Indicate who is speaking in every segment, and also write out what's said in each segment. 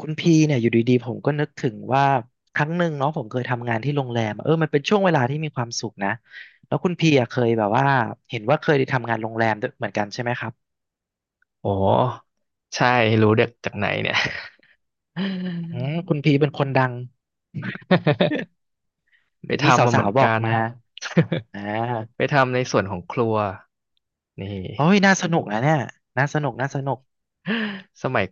Speaker 1: คุณพีเนี่ยอยู่ดีๆผมก็นึกถึงว่าครั้งหนึ่งเนาะผมเคยทำงานที่โรงแรมอะมันเป็นช่วงเวลาที่มีความสุขนะแล้วคุณพีอะเคยแบบว่าเห็นว่าเคยได้ทำงานโรงแรมด้วยเหมือนกันใช่ไหมครับ
Speaker 2: โอ้ใช่รู้เด็กจากไหนเนี่ย
Speaker 1: อืมคุณพีเป็นคนดัง
Speaker 2: ไป
Speaker 1: มี
Speaker 2: ทำมาเห
Speaker 1: สา
Speaker 2: มือ
Speaker 1: ว
Speaker 2: น
Speaker 1: ๆบอก
Speaker 2: กัน
Speaker 1: มาอ่
Speaker 2: ไป
Speaker 1: า
Speaker 2: ทำในส่วนของครัวนี่
Speaker 1: โอ้ยน่าสนุกนะเนี่ยน่าสนุก
Speaker 2: สมัย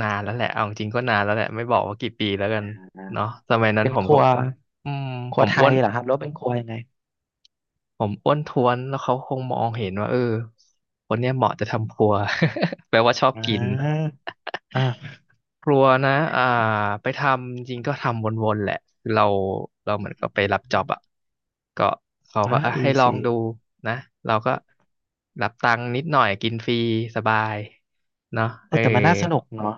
Speaker 2: นานแล้วแหละเอาจริงๆก็นานแล้วแหละไม่บอกว่ากี่ปีแล้วกั
Speaker 1: อ
Speaker 2: น
Speaker 1: ่า
Speaker 2: เนาะสมัยนั้น
Speaker 1: เป็น
Speaker 2: ผม
Speaker 1: ค
Speaker 2: ก็
Speaker 1: รัว
Speaker 2: อืม
Speaker 1: ค
Speaker 2: ผ
Speaker 1: รัว
Speaker 2: ม
Speaker 1: ไท
Speaker 2: อ้ว
Speaker 1: ย
Speaker 2: น
Speaker 1: เหรอครับแล้วเป็นครัวยังไง
Speaker 2: ผมอ้วนท้วนแล้วเขาคงมองเห็นว่าคนเนี้ยเหมาะจะทำครัว แปลว่าชอบ
Speaker 1: อ่
Speaker 2: กิน
Speaker 1: าอ่า
Speaker 2: ครัวนะไปทำจริงก็ทำวนๆแหละคือเราเหมือนก็ไปรับจ็อบอ่ะก็เขา
Speaker 1: อ่า
Speaker 2: ก็อ่ะ
Speaker 1: ดี
Speaker 2: ให้ลอง
Speaker 1: สิ
Speaker 2: ดูนะ เราก็รับตังค์นิดหน่อยกินฟรีสบายเนาะ
Speaker 1: เอ
Speaker 2: เออ
Speaker 1: อแต่มันน่าสนุกเนาะ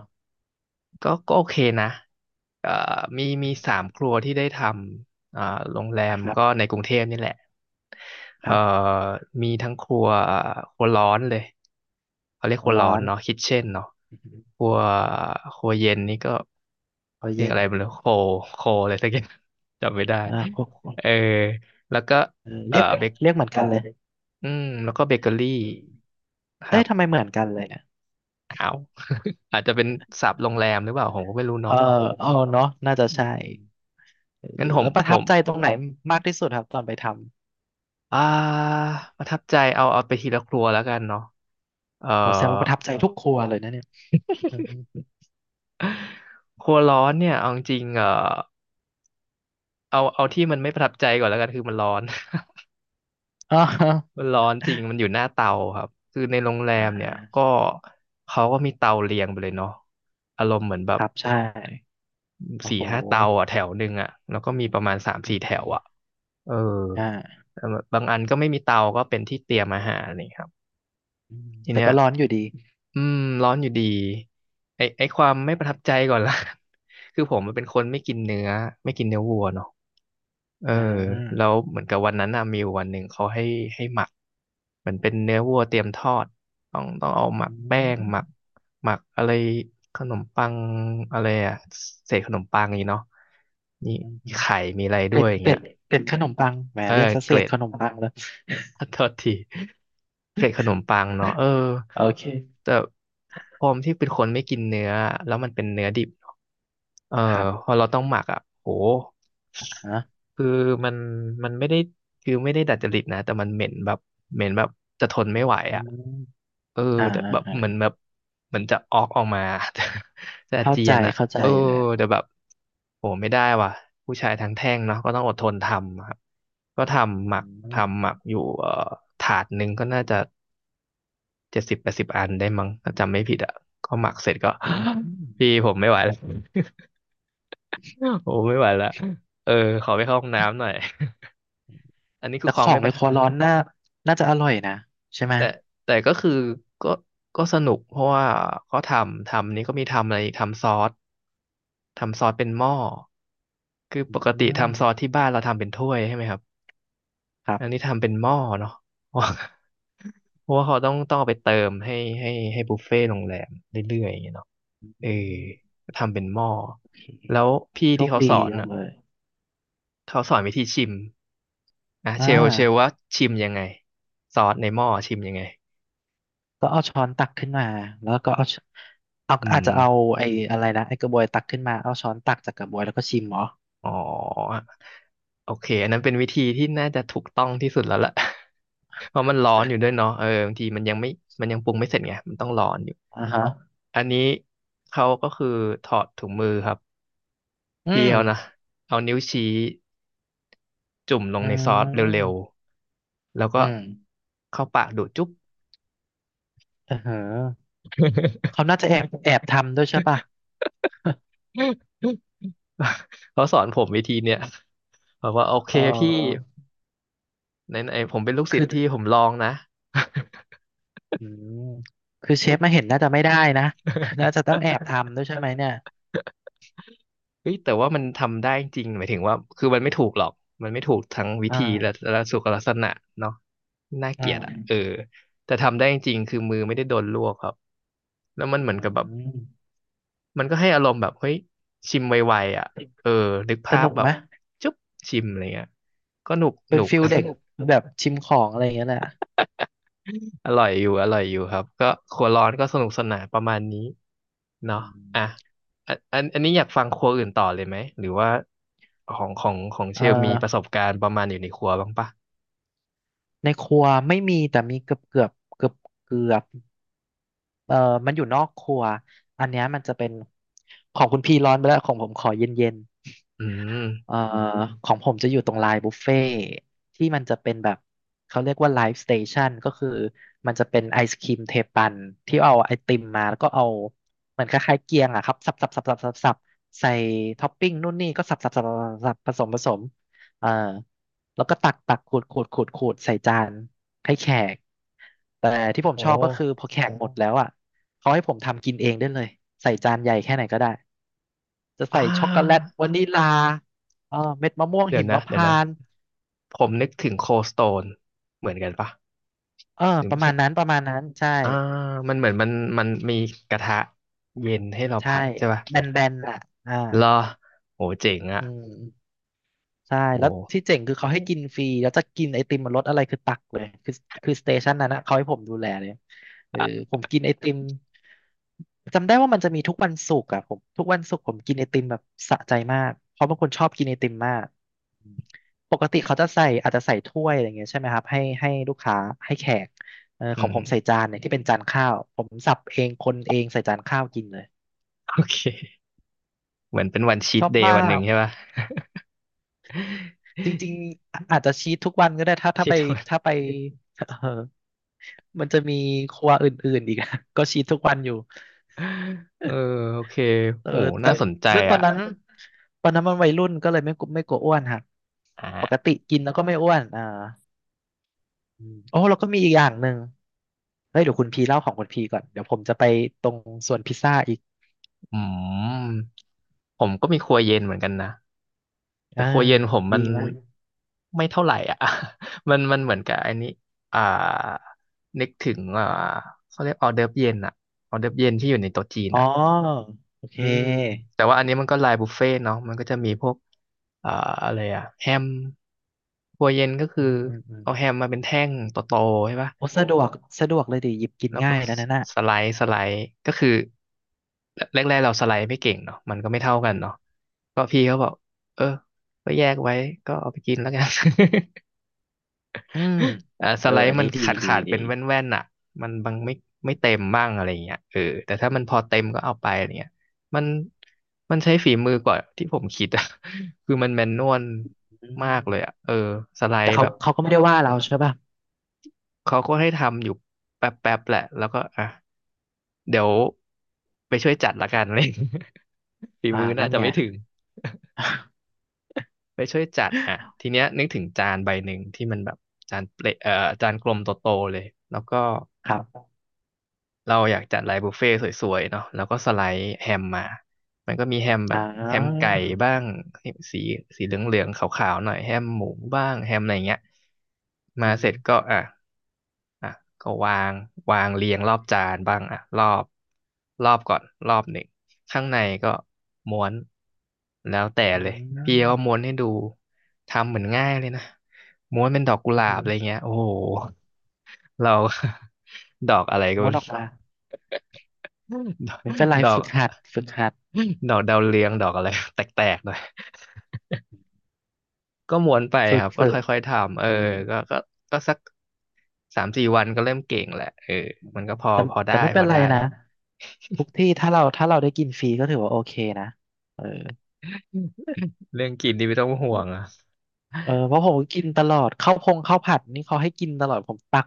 Speaker 2: ก็โอเคนะเอ่อมีสามครัวที่ได้ทำโรงแร
Speaker 1: อ่ะ
Speaker 2: ม
Speaker 1: ครับ
Speaker 2: ก็ในกรุงเทพนี่แหละ
Speaker 1: ค
Speaker 2: เอ่อ
Speaker 1: รับ
Speaker 2: มีทั้งครัวร้อนเลยเขาเรีย
Speaker 1: ค
Speaker 2: กค
Speaker 1: รั
Speaker 2: รั
Speaker 1: ว
Speaker 2: ว
Speaker 1: ร้
Speaker 2: ร้อ
Speaker 1: อ
Speaker 2: น
Speaker 1: น
Speaker 2: เนาะคิทเช่นเนาะ
Speaker 1: พอหือ
Speaker 2: ครัวครัวเย็นนี่ก็
Speaker 1: ครัว
Speaker 2: เรียก
Speaker 1: เย็
Speaker 2: อะ
Speaker 1: น
Speaker 2: ไรไม่รู้โคโคอะไรสักอย่าง จำไม่ได้
Speaker 1: อ่าพวก
Speaker 2: เออแล้วก็
Speaker 1: เออเรียก
Speaker 2: เบค
Speaker 1: เรียกเหมือนกัใช่นเลย
Speaker 2: แล้วก็เบเกอรี่
Speaker 1: อืม
Speaker 2: ค
Speaker 1: เอ้
Speaker 2: รั
Speaker 1: ยทำไม
Speaker 2: บ
Speaker 1: เหมือนกันเลยเนี่ย
Speaker 2: อ้าว อาจจะเป็นศัพท์โรงแรมหรือเปล่าผมก็ไม่รู้
Speaker 1: เอ
Speaker 2: เนาะ
Speaker 1: อเออเนาะน่าจะ
Speaker 2: อื
Speaker 1: ใช่
Speaker 2: ม
Speaker 1: เอ
Speaker 2: งั้น
Speaker 1: อ
Speaker 2: ผ
Speaker 1: แล้
Speaker 2: ม
Speaker 1: วประ
Speaker 2: ผ
Speaker 1: ทับ
Speaker 2: ม
Speaker 1: ใจตรงไหนมากที่สุดครับตอนไปทำ
Speaker 2: อ่าประทับใจเอาไปทีละครัวแล้วกันเนาะเอ่อ
Speaker 1: โหแสดงว่าประทับใจทุกครัวเลยนะเนี่ยอืม
Speaker 2: ครัวร้อนเนี่ยเอาจริงๆเอาที่มันไม่ประทับใจก่อนแล้วกันคือมันร้อน
Speaker 1: อ๋อ
Speaker 2: มันร้อนจริงมันอยู่หน้าเตาครับคือในโรงแร
Speaker 1: อ่า
Speaker 2: มเนี่ยก็เขาก็มีเตาเรียงไปเลยเนาะอารมณ์เหมือนแบ
Speaker 1: ค
Speaker 2: บ
Speaker 1: รับใช่โอ้
Speaker 2: สี่
Speaker 1: โห
Speaker 2: ห้าเตาอ่ะแถวหนึ่งอ่ะแล้วก็มีประมาณสาม
Speaker 1: อื
Speaker 2: สี่แถวอ่ะ
Speaker 1: ม
Speaker 2: เออ
Speaker 1: อ่า
Speaker 2: แต่บางอันก็ไม่มีเตาก็เป็นที่เตรียมอาหารนี่ครับ
Speaker 1: อืม
Speaker 2: ที
Speaker 1: แต่
Speaker 2: เนี้
Speaker 1: ก็
Speaker 2: ย
Speaker 1: ร้อนอยู่ดี
Speaker 2: อืมร้อนอยู่ดีไอไอความไม่ประทับใจก่อนละ คือผมมันเป็นคนไม่กินเนื้อไม่กินเนื้อวัวเนาะ เออ
Speaker 1: อ่
Speaker 2: แล้ว
Speaker 1: า
Speaker 2: เหมือนกับวันนั้นอะมีอยู่วันหนึ่งเขาให้หมักเหมือนเป็นเนื้อวัวเตรียมทอดต้องเอาหมัก
Speaker 1: อื
Speaker 2: แป้ง
Speaker 1: ม
Speaker 2: หมักอะไรขนมปังอะไรอะเศษขนมปังนี่เนาะนี่
Speaker 1: อืม
Speaker 2: มีไข่มีอะไร
Speaker 1: เก
Speaker 2: ด้
Speaker 1: ล็
Speaker 2: วย
Speaker 1: ด
Speaker 2: อย่าง
Speaker 1: เกล็
Speaker 2: เงี้ย
Speaker 1: ดเกล็ดขนมปังแหม
Speaker 2: เออ
Speaker 1: เรียกซะเศ
Speaker 2: เก
Speaker 1: ษ
Speaker 2: ล็ด
Speaker 1: ขนมปังเลย
Speaker 2: โทษทีเกล็ดขนมปังเนาะเออ
Speaker 1: โอเค
Speaker 2: แต่ผมที่เป็นคนไม่กินเนื้อแล้วมันเป็นเนื้อดิบ เอ่อ
Speaker 1: ครั
Speaker 2: พ
Speaker 1: บ
Speaker 2: อเราต้องหมักอ่ะโห
Speaker 1: ฮะ
Speaker 2: คือมันมันไม่ได้คือไม่ได้ดัดจริตนะแต่มันเหม็นแบบเหม็นแบบจะทนไม่ไหว
Speaker 1: อ
Speaker 2: อ่ะ
Speaker 1: ม
Speaker 2: เออ
Speaker 1: อ่า
Speaker 2: แต่
Speaker 1: อ่า
Speaker 2: แบบ
Speaker 1: อ่า
Speaker 2: เหมือนแบบเหมือนจะออกมา จะอา
Speaker 1: เข้า
Speaker 2: เจี
Speaker 1: ใจ
Speaker 2: ยนอ่ะ
Speaker 1: เข้าใจ
Speaker 2: เออ
Speaker 1: เลย
Speaker 2: แต่แบบโหไม่ได้ว่ะผู้ชายทั้งแท่งเนาะก็ต้องอดทนทำครับก็
Speaker 1: อืม
Speaker 2: ทำหมักอยู่ถาดหนึ่งก็น่าจะ7080อันได้มั้งถ้าจำไม่ผิดอ่ะก็หมักเสร็จก็ พี่ผมไม่ไหวแล้ว โอ้ไม่ไหวละเออขอไปเข้าห้องน้ำหน่อย อันนี้คื
Speaker 1: แต่
Speaker 2: อค
Speaker 1: ข
Speaker 2: วาม
Speaker 1: อ
Speaker 2: ไม่
Speaker 1: ง
Speaker 2: ป
Speaker 1: ใน
Speaker 2: ระ
Speaker 1: ค
Speaker 2: ทับ
Speaker 1: รัวร้อนน่าน่าจะอร่อยนะใช่ไหม
Speaker 2: แต่แต่ก็คือก็ก็สนุกเพราะว่าก็ทำนี้ก็มีทำอะไรอีกทำซอสทำซอสเป็นหม้อคือ
Speaker 1: อื
Speaker 2: ปกติทำซอ
Speaker 1: ม
Speaker 2: สที่บ้านเราทำเป็นถ้วยใช่ไหมครับ
Speaker 1: ครั
Speaker 2: อันนี้
Speaker 1: บ
Speaker 2: ทำเป็นหม้อเนาะ เพราะเพราะว่าเขาต้องเอาไปเติมให้บุฟเฟ่ต์โรงแรมเรื่อยๆอย่างเงี้ยเนาะ
Speaker 1: อ
Speaker 2: เออ
Speaker 1: ืม
Speaker 2: ทำเป็นหม้อ
Speaker 1: โอเค
Speaker 2: แล้วพี่
Speaker 1: โช
Speaker 2: ที่
Speaker 1: ค
Speaker 2: เขาส
Speaker 1: ดี
Speaker 2: อน
Speaker 1: จัง
Speaker 2: อ่ะ
Speaker 1: เลย
Speaker 2: เขาสอนวิธีชิมอ่ะ
Speaker 1: อ่
Speaker 2: เชล
Speaker 1: า
Speaker 2: ว่าชิมยังไงซอสในหม้อชิมยังไง
Speaker 1: ก็เอาช้อนตักขึ้นมาแล้วก็เอาชเอา
Speaker 2: อื
Speaker 1: อาจ
Speaker 2: ม
Speaker 1: จะเอาไอ้อะไรนะไอ้กระบวยตักขึ้นมาเอาช้อนตักจากกระบวยแล้วก็ชิมเหรอ
Speaker 2: อ๋อโอเคอันนั้นเป็นวิธีที่น่าจะถูกต้องที่สุดแล้วล่ะ เพราะมันร้อนอยู่ด้วยเนาะเออบางทีมันยังปรุงไม่เสร็จไงมันต้องร้อนอยู่
Speaker 1: อ่าฮะ
Speaker 2: อันนี้เขาก็คือถอดถุงมือครับ
Speaker 1: อื
Speaker 2: พี่
Speaker 1: ม
Speaker 2: เขานะเอานิ้วชี้จุ่มลง
Speaker 1: อื
Speaker 2: ในซอสเร็ว
Speaker 1: ม
Speaker 2: ๆแล้ว
Speaker 1: อื
Speaker 2: ก็
Speaker 1: ม
Speaker 2: เข้าปากดูดจุ๊บ
Speaker 1: เออเหอะเขาน่าจะแอบทำด้วยใช่ป่ะ
Speaker 2: เขาสอนผมวิธีเนี่ยบอกว่าโอเค
Speaker 1: เ
Speaker 2: พี่
Speaker 1: ออ
Speaker 2: ไหนๆผมเป็นลูกศิษ
Speaker 1: คือ
Speaker 2: ย์พี่ผมลองนะ
Speaker 1: อืมคือ เช
Speaker 2: จุ๊
Speaker 1: ฟ
Speaker 2: บ
Speaker 1: มาเห็นน่าจะไม่ได้นะ น่าจะ ต้องแอบทำด้วยใช่ไหมเนี่ย
Speaker 2: เฮ้ยแต่ว่ามันทำได้จริงหมายถึงว่าคือมันไม่ถูกหรอกมันไม่ถูกทั้งวิ
Speaker 1: อ่
Speaker 2: ธี
Speaker 1: า
Speaker 2: และสุขลักษณะเนาะน่า
Speaker 1: อ่
Speaker 2: เกลียดอ่ะเออ
Speaker 1: า
Speaker 2: แต่ทำได้จริงคือมือไม่ได้โดนลวกครับแล้วมันเหมือน
Speaker 1: อื
Speaker 2: กับแบบ
Speaker 1: ม
Speaker 2: มันก็ให้อารมณ์แบบเฮ้ยชิมไวๆอ่ะเออนึก
Speaker 1: ส
Speaker 2: ภาพ
Speaker 1: นุก
Speaker 2: แบ
Speaker 1: ไหม
Speaker 2: บจุ๊บชิมอะไรเงี้ยก็หนุก
Speaker 1: เป็
Speaker 2: ห
Speaker 1: น
Speaker 2: นุก
Speaker 1: ฟิลเด็กแบบชิมของอะไรอย่างเงี้ยแหละ
Speaker 2: อร่อยอยู่อร่อยอยู่ครับก็ครัวร้อนก็สนุกสนานประมาณนี้เนาะ
Speaker 1: อื
Speaker 2: อ่ะ
Speaker 1: ม
Speaker 2: อันนี้อยากฟังครัวอื่นต่อเลยไหมหรือว่าของเช
Speaker 1: เอ่อ
Speaker 2: ลมีประสบการณ์ประมาณอยู่ในครัวบ้างปะ
Speaker 1: ในครัวไม่มีแต่มีเกือบเอ่อมันอยู่นอกครัวอันเนี้ยมันจะเป็นของคุณพี่ร้อนไปแล้วของผมขอเย็นเย็น
Speaker 2: อืม
Speaker 1: เอ่อของผมจะอยู่ตรงไลน์บุฟเฟ่ที่มันจะเป็นแบบเขาเรียกว่าไลฟ์สเตชันก็คือมันจะเป็นไอศครีมเทปันที่เอาไอติมมาแล้วก็เอาเหมือนคล้ายๆเกียงอะครับสับสับสับสับสับสับใส่ท็อปปิ้งนู่นนี่ก็สับสับสับสับสับผสมผสมเอ่อแล้วก็ตักตักขูดขูดขูดขูดใส่จานให้แขกแต่ที่ผม
Speaker 2: โอ้
Speaker 1: ชอบก็คือพอแขกหมดแล้วอ่ะเขาให้ผมทำกินเองได้เลยใส่จานใหญ่แค่ไหนก็ได้ จะ
Speaker 2: อ่
Speaker 1: ใส่ช็อกโกแล
Speaker 2: า
Speaker 1: ตวานิลาเออเม็ดมะม่วง
Speaker 2: เดี๋ย
Speaker 1: หิ
Speaker 2: ว
Speaker 1: ม
Speaker 2: นะเดี๋ยว
Speaker 1: พา
Speaker 2: นะ
Speaker 1: นต์
Speaker 2: ผมนึกถึงโคสโตนเหมือนกันปะ
Speaker 1: เออ
Speaker 2: หรือ
Speaker 1: ป
Speaker 2: ไม่
Speaker 1: ระมา
Speaker 2: ใช่
Speaker 1: ณนั้นประมาณนั้นใช่
Speaker 2: อ่ามันเหมือนมันมีกระทะเย็นให้เรา
Speaker 1: ใช่
Speaker 2: ผัดใช่ปะ
Speaker 1: แบนๆน่ะอ่า
Speaker 2: เหรอโหเจ๋งอ่ะ
Speaker 1: อืม ใช่
Speaker 2: โอ้
Speaker 1: แล้วที่เจ๋งคือเขาให้กินฟรีแล้วจะกินไอติมมันรสอะไรคือตักเลยคือคือสเตชันนั้นนะเขาให้ผมดูแลเลยเออผมกินไอติมจำได้ว่ามันจะมีทุกวันศุกร์อะผมทุกวันศุกร์ผมกินไอติมแบบสะใจมากเพราะบางคนชอบกินไอติมมากอืมปกติเขาจะใส่อาจจะใส่ถ้วยอะไรเงี้ยใช่ไหมครับให้ลูกค้าให้แขกเออ
Speaker 2: อื
Speaker 1: ของ
Speaker 2: ม
Speaker 1: ผมใส่จานเนี่ยที่เป็นจานข้าวผมสับเองคนเองใส่จานข้าวกินเลย
Speaker 2: โอเคเหมือนเป็นวันชี
Speaker 1: ช
Speaker 2: ท
Speaker 1: อบ
Speaker 2: เดย์
Speaker 1: มา
Speaker 2: วันหนึ่ง
Speaker 1: ก
Speaker 2: ใช่ปะ
Speaker 1: จริงๆอาจจะชีททุกวันก็ได้ถ้า
Speaker 2: ซี
Speaker 1: ไป
Speaker 2: ทอน
Speaker 1: ถ้าไปเออมันจะมีครัวอื่นๆอีกอะ ก็ชีททุกวันอยู่
Speaker 2: เออโอเค
Speaker 1: เออ
Speaker 2: โห
Speaker 1: แต่
Speaker 2: น่าสนใจ
Speaker 1: ด้วยตอ
Speaker 2: อ่ะ
Speaker 1: นนั้นตอนนั้นมันวัยรุ่นก็เลยไม่กลัวอ้วนครับปก
Speaker 2: อ่า
Speaker 1: ติกินแล้วก็ไม่อ้วนอ่าอืมโอ้แล้วก็มีอีกอย่างหนึ่งเฮ้ยเดี๋ยวคุณพีเล่าของคุณพีก่อนเดี๋ยวผมจะไปตรงส่วนพิซซ่าอีก
Speaker 2: อืมผมก็มีครัวเย็นเหมือนกันนะแต่
Speaker 1: อ่า
Speaker 2: ครัวเย็นผมมั
Speaker 1: ดี
Speaker 2: น
Speaker 1: ไหมโย
Speaker 2: ไม่เท่าไหร่อ่ะ มันเหมือนกับอันนี้อ่านึกถึงเขาเรียกออเดิร์ฟเย็นอ่ะออเดิร์ฟเย็นที่อยู่ในโต๊ะจีน
Speaker 1: อ๋อ
Speaker 2: อ่ะ
Speaker 1: โอเค
Speaker 2: อืมแต่ว่าอันนี้มันก็ไลน์บุฟเฟ่ต์เนาะมันก็จะมีพวกอ่าอะไรอ่ะแฮมครัวเย็นก็คือ
Speaker 1: อืมอืมอืม
Speaker 2: เอาแฮมมาเป็นแท่งโตๆใช่ปะ
Speaker 1: โอ้สะดวกสะดวกเลยดิหยิบกิน
Speaker 2: แล้ว
Speaker 1: ง่า
Speaker 2: ก็
Speaker 1: ยแล้วนะน่ะ
Speaker 2: สไลด์ก็คือแรกๆเราสไลด์ไม่เก่งเนาะมันก็ไม่เท่ากันเนาะก็พี่เขาบอกเออก็แยกไว้ก็เอาไปกินแล้วกัน
Speaker 1: อืม
Speaker 2: อ่าส
Speaker 1: เออ
Speaker 2: ไล
Speaker 1: อั
Speaker 2: ด์
Speaker 1: น
Speaker 2: มัน
Speaker 1: นี้ดี
Speaker 2: ขาด
Speaker 1: ดี
Speaker 2: ขาด
Speaker 1: ดี
Speaker 2: เป็นแว่นๆอ่ะมันบางไม่เต็มบ้างอะไรอย่างเงี้ยเออแต่ถ้ามันพอเต็มก็เอาไปอะไรเงี้ยมันมันใช้ฝีมือกว่าที่ผมคิดอ่ะ คือมันแมนนวล
Speaker 1: อื
Speaker 2: มากเลยอ่ะ
Speaker 1: ม
Speaker 2: เออสไล
Speaker 1: แต่
Speaker 2: ด์แบ
Speaker 1: เขา
Speaker 2: บ
Speaker 1: เขาก็ไม่ได้ว่าเราใช่ป่ะ
Speaker 2: เขาก็ให้ทำอยู่แป๊บแป๊แหละแล้วก็อ่ะเดี๋ยวไปช่วยจัดละกัน อะไรอย่างเลย ฝี
Speaker 1: อ่า
Speaker 2: มือน่า
Speaker 1: นั่น
Speaker 2: จะ
Speaker 1: ไง
Speaker 2: ไม่ถึง ไปช่วยจัดอ่ะทีเนี้ยนึกถึงจานใบหนึ่งที่มันแบบจานเปลจานกลมโตๆเลยแล้วก็
Speaker 1: ครับ
Speaker 2: เราอยากจัดไลน์บุฟเฟ่ต์สวยๆเนาะแล้วก็สไลด์แฮมมามันก็มีแฮมแบ
Speaker 1: อ่า
Speaker 2: บแฮมไก่บ้างสีสีเหลืองๆขาวๆหน่อยแฮมหมูบ้างแฮมอะไรเงี้ย
Speaker 1: อื
Speaker 2: มาเสร็จก็
Speaker 1: ม
Speaker 2: อ่ะอ่ะก็วางเรียงรอบจานบ้างอ่ะรอบก่อนรอบหนึ่งข้างในก็ม้วนแล้วแต่
Speaker 1: อื
Speaker 2: เลยพี่เขา
Speaker 1: ม
Speaker 2: ม้วนให้ดูทำเหมือนง่ายเลยนะม้วนเป็นดอกกุห
Speaker 1: อื
Speaker 2: ลาบ
Speaker 1: ม
Speaker 2: อะไรเงี้ยโอ้โหเรา ดอกอะไรก็
Speaker 1: ม้ว
Speaker 2: ไม่
Speaker 1: นออกมา
Speaker 2: รู้
Speaker 1: ไม่เป็นไร
Speaker 2: ดอก
Speaker 1: ฝึกหัด
Speaker 2: ดอกดาวเรืองดอกอะไร แตกๆหน่อยก็ม้วนไป
Speaker 1: ฝึ
Speaker 2: ค
Speaker 1: ก
Speaker 2: รับก็
Speaker 1: ฝึก
Speaker 2: ค่อยๆทำเออ
Speaker 1: เออ
Speaker 2: ก็ก็ก็สักสามสี่วันก็เริ่มเก่งแหละเออมันก็พอ
Speaker 1: แต่
Speaker 2: พอได้
Speaker 1: แต่ไม่
Speaker 2: พ
Speaker 1: เป็
Speaker 2: อ
Speaker 1: นไร
Speaker 2: ได้
Speaker 1: นะทุกที่ถ้าเราถ้าเราได้กินฟรีก็ถือว่าโอเคนะเออ
Speaker 2: เรื่องกินนี่ไม่ต้องห่วงอะ
Speaker 1: เออเพราะผมก็กินตลอดข้าวพงข้าวผัดนี่เขาให้กินตลอดผมตัก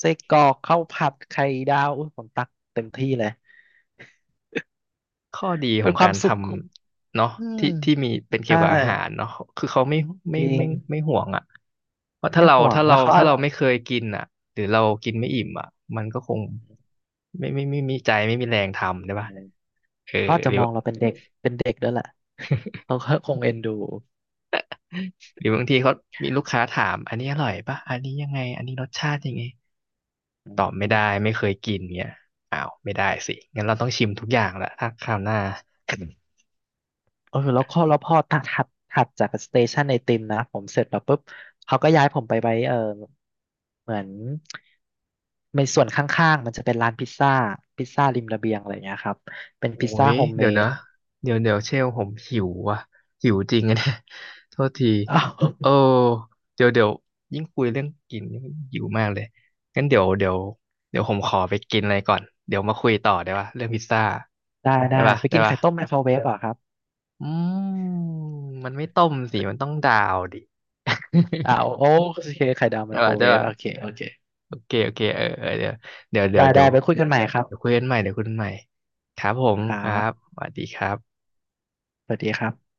Speaker 1: ไส้กรอกข้าวผัดไข่ดาวอุ๊ยผมตักเต็มที่เลย
Speaker 2: ข้อดีข
Speaker 1: เป็
Speaker 2: อ
Speaker 1: น
Speaker 2: ง
Speaker 1: ค
Speaker 2: กา
Speaker 1: วาม
Speaker 2: รท
Speaker 1: สุขของ
Speaker 2: ำเนาะ
Speaker 1: อืม
Speaker 2: ที่ที่มีเป็นเกี่ย
Speaker 1: ใช่
Speaker 2: วกับอาหารเนาะคือเขาไม่
Speaker 1: จริ
Speaker 2: ไม่
Speaker 1: ง
Speaker 2: ไม่ห่วงอะเพราะถ้า
Speaker 1: ไม่
Speaker 2: เรา
Speaker 1: ห่วง
Speaker 2: ถ้าเรา
Speaker 1: แล้วเขา
Speaker 2: ถ้า
Speaker 1: อาจ
Speaker 2: เราไม่เคยกินอะหรือเรากินไม่อิ่มอะมันก็คงไม่มีใจไม่มีแรงทำได้ปะเออ
Speaker 1: เขาอาจ
Speaker 2: ห
Speaker 1: จะ
Speaker 2: รือ
Speaker 1: มองเราเป็นเด็ก เป็นเด็กด้วยแหละเขาก็คงเอ็นดู
Speaker 2: หรือบางทีเขามีลูกค้าถามอันนี้อร่อยปะอันนี้ยังไงอันนี้รสชาติยังไง
Speaker 1: อื
Speaker 2: ตอบไม่ได้
Speaker 1: ม
Speaker 2: ไม่เคยกินเนี่ยอ้าวไม่ได้สิงั้นเราต้องชิมทุกอย่างละถ้าคราวหน้า
Speaker 1: เออแล้วข้อแล้วพอถัดจากสเตชันไอติมนะ ผมเสร็จแล้วปุ๊บ เขาก็ย้ายผมไปไว้เออเหมือนในส่วนข้างๆ มันจะเป็นร้านพิซซ่า พิซซ่าริมระเบียงอะไรเงี้ยครับเป็น
Speaker 2: โอ้
Speaker 1: พิซซ่า
Speaker 2: ย
Speaker 1: โฮมเม
Speaker 2: เดี๋ยวนะ
Speaker 1: ด
Speaker 2: เดี๋ยวเชลผมหิวว่ะหิวจริงอะเนี่ย โทษที
Speaker 1: อ้าว
Speaker 2: เออเดี๋ยวยิ่งคุยเรื่องกินยิ่งหิวมากเลยงั้นเดี๋ยวผมขอไปกินอะไรก่อนเดี๋ยวมาคุยต่อได้ปะเรื่องพิซซ่า
Speaker 1: ได้
Speaker 2: ได้
Speaker 1: ได้
Speaker 2: ปะ
Speaker 1: ไป
Speaker 2: ได้
Speaker 1: กิน
Speaker 2: ปะ
Speaker 1: ไข่ต้มไมโครเวฟเหรอ่ะครับ
Speaker 2: อืมมันไม่ต้มสิ มันต้องดาวดิ
Speaker 1: อ้าว โอเคไข่ดาวไม
Speaker 2: ใช่
Speaker 1: โคร
Speaker 2: ป่ะ
Speaker 1: เว
Speaker 2: ใช่
Speaker 1: ฟโอเค
Speaker 2: ป่ะ
Speaker 1: โอเค
Speaker 2: โอเคโอเคเออเออเดี๋ยวเดี๋ยวเดี๋
Speaker 1: ได้
Speaker 2: ยวเดี๋ย
Speaker 1: ได้
Speaker 2: ว
Speaker 1: ไปคุยกันใหม่ครั
Speaker 2: เดี๋ยวคุ
Speaker 1: บ
Speaker 2: ยกันใหม่เดี๋ยวคุยกันใหม่ครับผม
Speaker 1: ครั
Speaker 2: ครับ
Speaker 1: บ
Speaker 2: สวัสดีครับ
Speaker 1: สวัสดีครับ